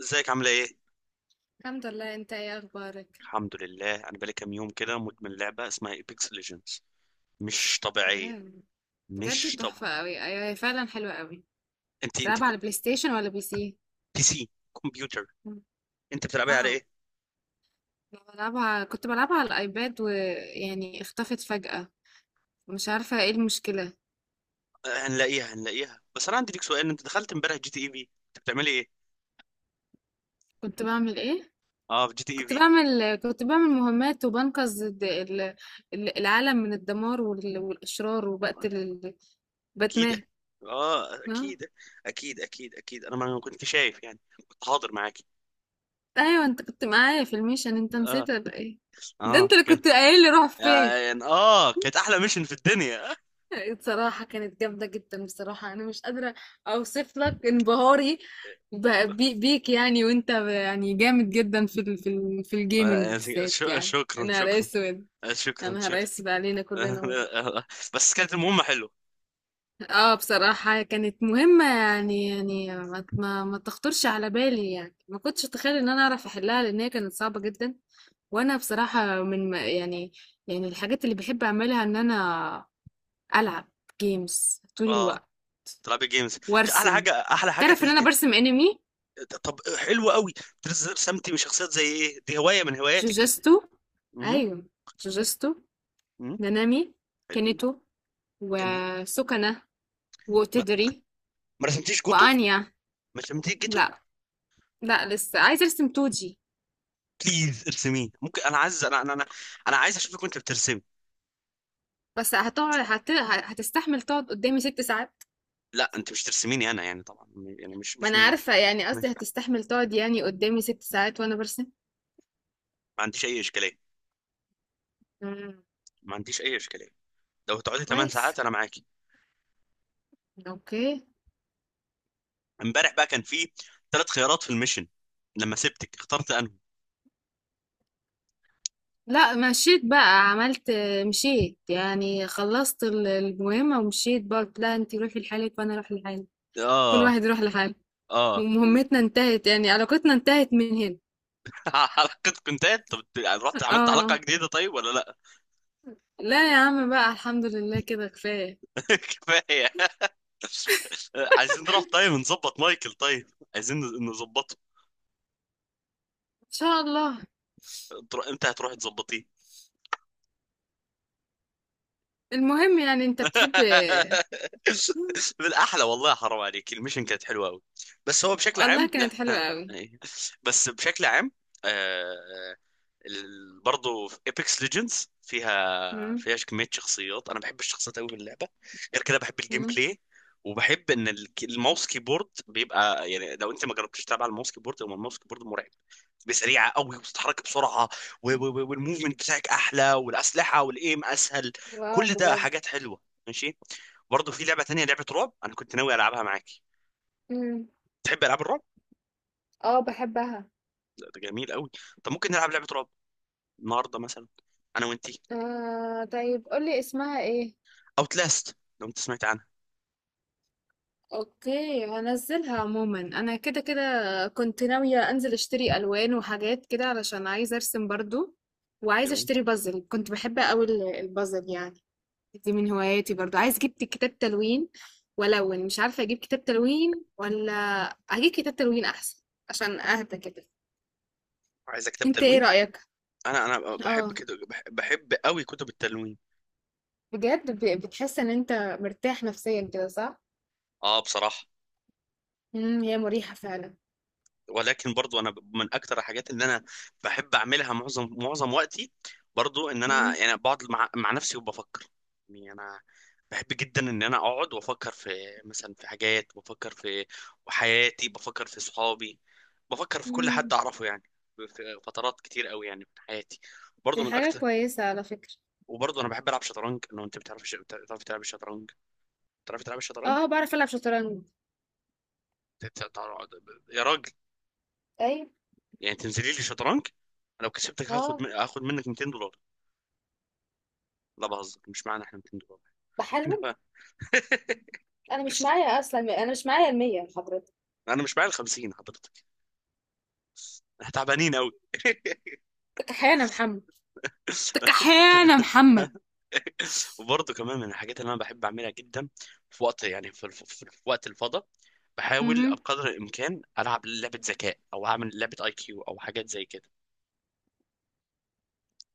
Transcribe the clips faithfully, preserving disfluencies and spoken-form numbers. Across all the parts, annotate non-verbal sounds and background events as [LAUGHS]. ازيك عاملة ايه؟ الحمد لله، انت ايه اخبارك؟ الحمد لله, انا بقالي كام يوم كده مدمن لعبة اسمها ايبكس ليجندز. مش طبيعية. واو، بجد مش طبيعية. تحفة قوي. ايوه هي فعلا حلوة قوي. انت انت بتلعبها على كنت بلاي ستيشن ولا بي سي؟ بي سي. كمبيوتر. انت بتلعبيها على واو. ايه؟ أنا بلعبها كنت بلعبها على الايباد، ويعني اختفت فجأة. مش عارفة ايه المشكلة. آه، هنلاقيها هنلاقيها. بس انا عندي ليك سؤال, انت دخلت امبارح جي تي اي في, انت بتعملي ايه؟ كنت بعمل ايه؟ اه, في جي تي اي كنت في. بعمل كنت بعمل مهمات وبنقذ الد- ال- ال- العالم من الدمار وال- والاشرار وبقتل ال- باتمان. اكيد. اه اه، اكيد اكيد اكيد اكيد انا ما كنت شايف يعني. كنت حاضر معاكي. ايوه، انت كنت معايا في الميشن، انت اه. نسيت ولا ايه؟ ده اه انت اللي كانت كنت قايل لي روح فين. يعني اه كانت احلى ميشن في الدنيا. بصراحة كانت جامدة جدا، بصراحة أنا مش قادرة أوصف لك انبهاري ب- بي- [LAUGHS] بيك، يعني، وأنت ب- يعني جامد جدا في ال في ال في ولا- الجيمنج يعني بالذات، شو- يعني شكرا أنا نهار شكرا. أسود. يا شكرا نهار شكرا. أسود علينا كلنا والله. [LAUGHS] بس كانت المهمة حلوة. اه، بصراحة كانت مهمة يعني يعني ما ما ما تخطرش على بالي، يعني ما كنتش أتخيل إن أنا أعرف أحلها، لأن هي كانت صعبة جدا. وأنا بصراحة من ما- يعني، يعني الحاجات اللي بحب أعملها إن أنا ألعب جيمز طول اه, الوقت تلعبي جيمز. احلى وارسم. حاجة احلى حاجة في تعرف ان انا الج... برسم انمي، طب حلو قوي. بتنزل رسمتي من شخصيات زي ايه؟ دي هواية من هواياتك دي؟ جوجستو. مهم. ايوه، جوجستو، مهم. نانامي، حلوين. كينيتو، جميل. وسوكانا، ما, وتدري، ما رسمتيش جوتو. وانيا. ما رسمتيش جيتو. لا، لا لسه عايزه ارسم توجي. بليز ارسميه, ممكن, انا عايز, انا انا انا, أنا عايز اشوفك وانت بترسمي. بس هتقعد هت... هتستحمل تقعد قدامي ست ساعات؟ لا, انت مش ترسميني انا يعني طبعا. يعني مش ما مش انا مش, عارفه، يعني قصدي مش. هتستحمل تقعد يعني قدامي ست ساعات وانا برسم. ما عنديش اي اشكالية. مم. ما عنديش اي اشكالية. لو هتقعدي ثمان كويس. ساعات انا معاكي. اوكي. امبارح بقى كان في ثلاث خيارات في الميشن, لما سبتك اخترت انهي؟ لا، مشيت بقى، عملت مشيت يعني خلصت ال- المهمة ومشيت بقى، قلت لها انتي روحي لحالك وانا اروح لحالي. كل اه. واحد يروح لحاله. اه. ومهمتنا انتهت، يعني علاقتنا انتهت من هنا. [LAUGHS] حلقة كونتات, طب يعني رحت عملت حلقة اه. جديدة طيب ولا لا؟ لا يا عم بقى، الحمد لله كده كفاية. [LAUGHS] كفاية. عايزين نروح طيب نظبط مايكل طيب. عايزين نظبطه. ان شاء الله. تر- انت هتروح تظبطيه. المهم، يعني انت بتحب. [LAUGHS] بالاحلى والله حرام عليك, الميشن كانت حلوه قوي. بس هو بشكل والله عام. كانت حلوة قوي. [LAUGHS] بس بشكل عام. آه، ال- برضو في ايبكس ليجندز, فيها مم. فيها كميه شخصيات, انا بحب الشخصيات قوي في اللعبه. غير كده بحب الجيم مم. بلاي. وبحب ان الك- الماوس كيبورد بيبقى, يعني لو انت ما جربتش تلعب على الماوس كيبورد, هو الماوس كيبورد مرعب. بسريعه قوي, وبتتحرك بسرعه و- و- و- والموفمنت بتاعك احلى, والاسلحه والايم اسهل. واو، كل ده بجد. حاجات حلوه. ماشي. برضو في لعبه تانية, لعبه رعب انا كنت ناوي العبها معاكي. مم. تحب العاب الرعب؟ اه، بحبها. لا, ده جميل قوي. طب ممكن نلعب لعبه رعب النهارده مثلا, انا وانتي. آه، طيب قولي اسمها ايه؟ اوتلاست, لو انت سمعت عنها. اوكي، هنزلها عموما. انا كده كده كنت ناوية انزل اشتري الوان وحاجات كده علشان عايزة ارسم برضو. وعايزة تلوين. اشتري بازل، كنت بحب قوي ال- البازل، يعني. دي من هواياتي، برضو عايز اجيب كتاب تلوين. والون مش عارفه اجيب كتاب تلوين ولا اجيب كتاب تلوين احسن، عشان اهدى كده. عايزه كتاب انت ايه تلوين. رايك؟ انا انا بحب اه، كده, بح- بحب قوي كتب التلوين. بجد ب- بتحس ان انت مرتاح نفسيا كده، صح؟ اه بصراحه. امم هي مريحه فعلا. ولكن برضو انا ب- من اكتر الحاجات اللي انا بحب اعملها معظم معظم وقتي, برضو ان انا امم. يعني بقعد مع, مع نفسي وبفكر. يعني انا بحب جدا ان انا اقعد وافكر في, مثلا في حاجات, بفكر في حياتي, بفكر في صحابي, بفكر في كل حد امم. اعرفه يعني. في فترات كتير قوي يعني في حياتي, برضو دي من حاجه اكتر. كويسه على فكره. وبرضو انا بحب العب شطرنج, لو انت بتعرف بتعرف تلعب الشطرنج؟ بتعرف تلعب الشطرنج؟ اه، بعرف العب شطرنج. يا راجل. ايوه. يعني تنزلي لي شطرنج, انا لو كسبتك هاخد اه. من... هاخد منك ميتين دولار. لا, بهزر, مش معانا احنا ميتين دولار. احنا, بحالهم. انا مش [LAUGHS] معايا، اصلا انا مش معايا المية يا حضرتك. انا مش معايا ال خمسين حضرتك. احنا تعبانين قوي. [LAUGHS] تكحيانة يا محمد، تكحيانة يا محمد. وبرضه كمان من الحاجات اللي انا بحب اعملها جدا, في وقت يعني في, الف... في, في وقت الفضاء, بحاول امم. بقدر الامكان العب لعبه ذكاء او اعمل لعبه اي كيو او حاجات زي كده.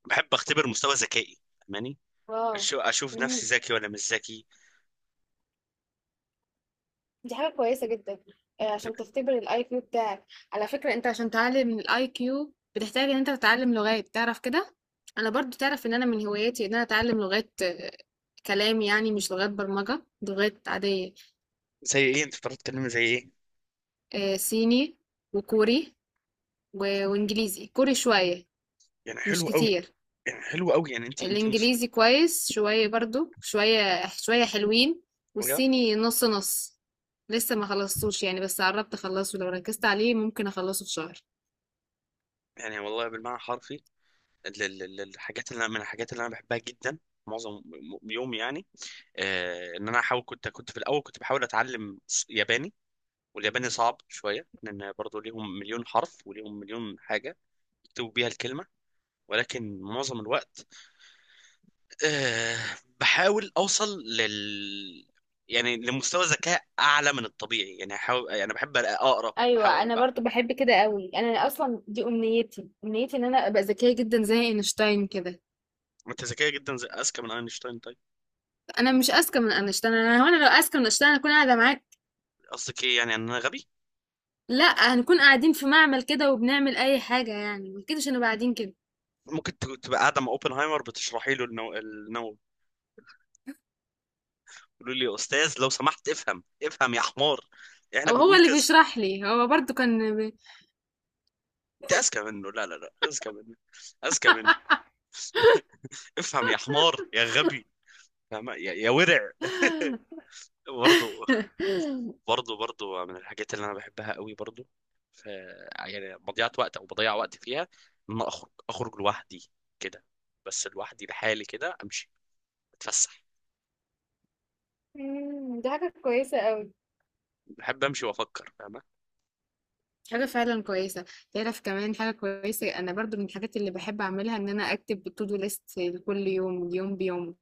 بحب اختبر مستوى ذكائي, فاهماني؟ اه. أشو- اشوف مم. نفسي ذكي ولا مش ذكي. دي حاجة كويسة جدًا، آآ عشان تختبر الIQ بتاعك، على فكرة أنت عشان تعلّي من الIQ بتحتاج إن أنت تتعلّم لغات، تعرف كده؟ أنا برضه تعرف إن أنا من هواياتي إن أنا أتعلّم لغات، آه، كلام يعني، مش لغات برمجة، لغات عادية، زي ايه, انت بتعرف تتكلمي زي ايه؟ آآ صيني، وكوري، و وإنجليزي، كوري شوية، يعني مش حلو قوي. كتير. يعني حلو قوي, يعني انت انت مسلمه. الإنجليزي كويس شوية برضه، شوية شوية حلوين. والصيني نُص، نُص، لسه ما خلصتوش يعني، بس قرّبت أخلّصه، لو ركّزت عليه ممكن أخلّصه في شهر. يعني والله بالمعنى الحرفي, ال- ال- ال- الحاجات اللي أنا- من الحاجات اللي انا بحبها جدا, معظم م- يومي يعني. آه ان انا احاول, كنت كنت في الاول كنت بحاول اتعلم س- ياباني. والياباني صعب شويه, لان برضه ليهم مليون حرف وليهم مليون حاجه يكتبوا بيها الكلمه. ولكن معظم الوقت, آه بحاول اوصل لل, يعني لمستوى ذكاء اعلى من الطبيعي, يعني احاول, يعني بحب اقرا ايوه، بحاول. انا برضو بحب كده قوي. انا اصلا دي امنيتي، امنيتي ان انا ابقى ذكيه جدا زي اينشتاين كده. ما انت ذكيه جدا, زي, اذكى من اينشتاين طيب. انا مش اذكى من اينشتاين. انا هو انا لو اذكى من اينشتاين هكون قاعده معاك. قصدك ايه, يعني ان انا غبي؟ لا، هنكون قاعدين في معمل كده وبنعمل اي حاجه، يعني ما كدهش هنبقى قاعدين كده. ممكن ت- تبقى قاعده مع اوبنهايمر بتشرحي له النو... النووي, يقول لي يا استاذ لو سمحت افهم, افهم يا حمار, احنا او هو بنقول اللي كذا. بيشرح لي، هو برضو كان بي... انت اذكى منه, لا لا لا, اذكى منه. اذكى منه. افهم يا حمار يا غبي. فاهمة؟ يا, يا ورع. [LAUGHS] برضه. برضه برضه من الحاجات اللي انا بحبها قوي برضه, ف يعني مضيعة وقت, او بضيع وقت فيها, ان أنا اخرج اخرج لوحدي كده, بس لوحدي لحالي كده امشي اتفسح. مم، دي حاجه كويسه قوي. بحب امشي وافكر, فاهمه؟ حاجه فعلا كويسه. تعرف كمان حاجه كويسه، انا برضو من الحاجات اللي بحب اعملها ان انا اكتب تو دو ليست لكل يوم، يوم بيوم.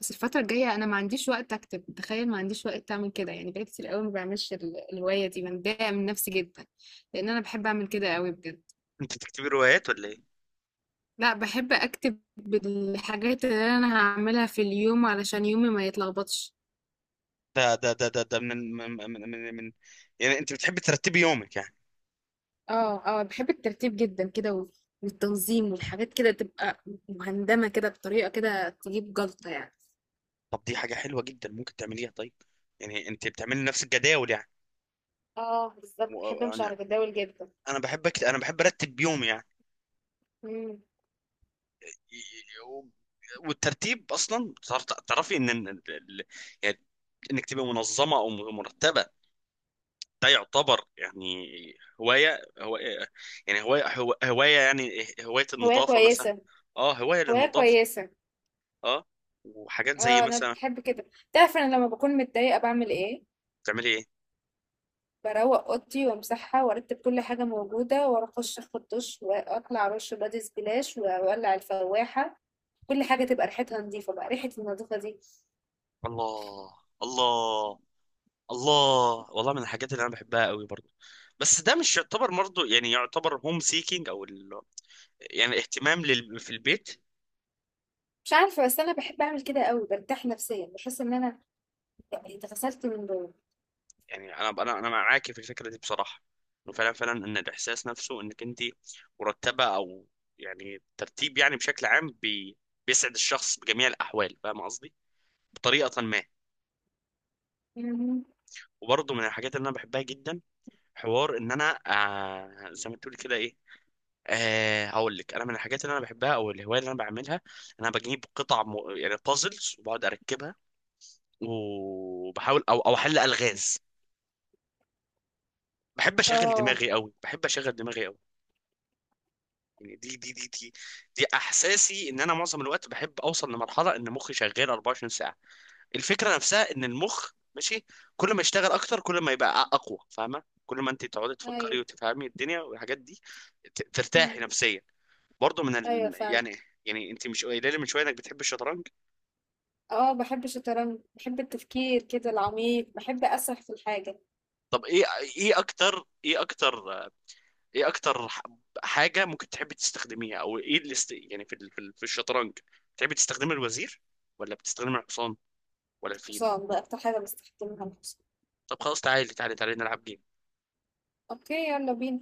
بس الفترة الجاية أنا ما عنديش وقت أكتب. تخيل ما عنديش وقت أعمل كده، يعني بقالي كتير قوي ما بعملش ال- الهواية دي، بتضايق من نفسي جدا لأن أنا بحب أعمل كده قوي بجد. انت بتكتبي روايات ولا ايه؟ لا، بحب أكتب بالحاجات اللي أنا هعملها في اليوم علشان يومي ما يتلخبطش. ده ده ده ده, ده من, من من من من يعني انت بتحبي ترتبي يومك يعني. اه، اه، بحب الترتيب جدا كده، و- والتنظيم والحاجات كده، تبقى مهندمة كده بطريقة كده تجيب جلطة، يعني. طب دي حاجه حلوه جدا ممكن تعمليها طيب. يعني انت بتعملي نفس الجداول يعني. اه، بالظبط بحب امشي وانا على جداول جدا. انا بحب أكت... انا بحب ارتب يومي يعني. مم. ي- ي- و- والترتيب اصلا, تعرف- تعرفي ان, إن ال- ال- يعني انك تبقى منظمه او مرتبه, ده يعتبر يعني, هوايه هو, يعني هوايه هو- هوايه, يعني هوايه هواية النظافه مثلا. كويسة. اه هوايه هواية للنظافه. كويسة. اه. وحاجات زي اه، انا مثلا. بحب كده. تعرف انا لما بكون متضايقه بعمل ايه؟ بتعملي ايه؟ بروق اوضتي وامسحها وارتب كل حاجه موجوده، واروح اخش اخد دش، واطلع ارش بادي سبلاش واولع الفواحه. كل حاجه تبقى ريحتها نظيفه، بقى ريحه النظافه دي. الله. الله. الله. والله من الحاجات اللي انا بحبها قوي برضه. بس ده مش يعتبر برضه, يعني يعتبر هوم سيكينج, او ال..., يعني الاهتمام لل... في البيت. مش عارفه، بس انا بحب اعمل كده قوي، برتاح نفسيا، بحس ان انا يعني اتغسلت من جوه. يعني انا انا انا معاكي في الفكره دي بصراحه. انه فعلا فعلا, ان الاحساس نفسه انك انت مرتبه, او يعني ترتيب, يعني بشكل عام بي... بيسعد الشخص بجميع الاحوال, فاهم قصدي؟ بطريقه ما. مهم. وبرضه من الحاجات اللي انا بحبها جدا, حوار ان انا, آه زي ما تقول كده إيه, أه هقول لك, انا من الحاجات اللي انا بحبها او الهوايه اللي انا بعملها, انا بجيب قطع م... يعني بازلز وبقعد اركبها, وبحاول, او او احل الغاز. بحب اشغل اه. دماغي قوي, بحب اشغل دماغي قوي, يعني دي دي دي دي دي احساسي, ان انا معظم الوقت بحب اوصل لمرحله ان مخي شغال أربعة وعشرين ساعة ساعه. الفكره نفسها ان المخ ماشي, كل ما يشتغل اكتر كل ما يبقى اقوى, فاهمه؟ كل ما انت تقعدي ايوه. تفكري وتفهمي الدنيا والحاجات دي, ت- ترتاحي مم. نفسيا. برضه من ايوه ال..., فعلا. يعني, يعني انت مش قايله لي من شويه انك بتحب الشطرنج؟ اه، بحب الشطرنج، بحب التفكير كده العميق، بحب اسرح في الحاجه. طب ايه, ايه اكتر, ايه اكتر, ايه اكتر ح- حاجه ممكن تحبي تستخدميها, او ايه اللي است... يعني في ال... في ال- في الشطرنج, بتحبي تستخدمي الوزير, ولا بتستخدمي الحصان, ولا الفيل؟ الحصان، ده اكتر حاجه بستخدمها، الحصان. طب خلاص, تعالي تعالي تعالي نلعب جيم. اوكي، يلا بينا.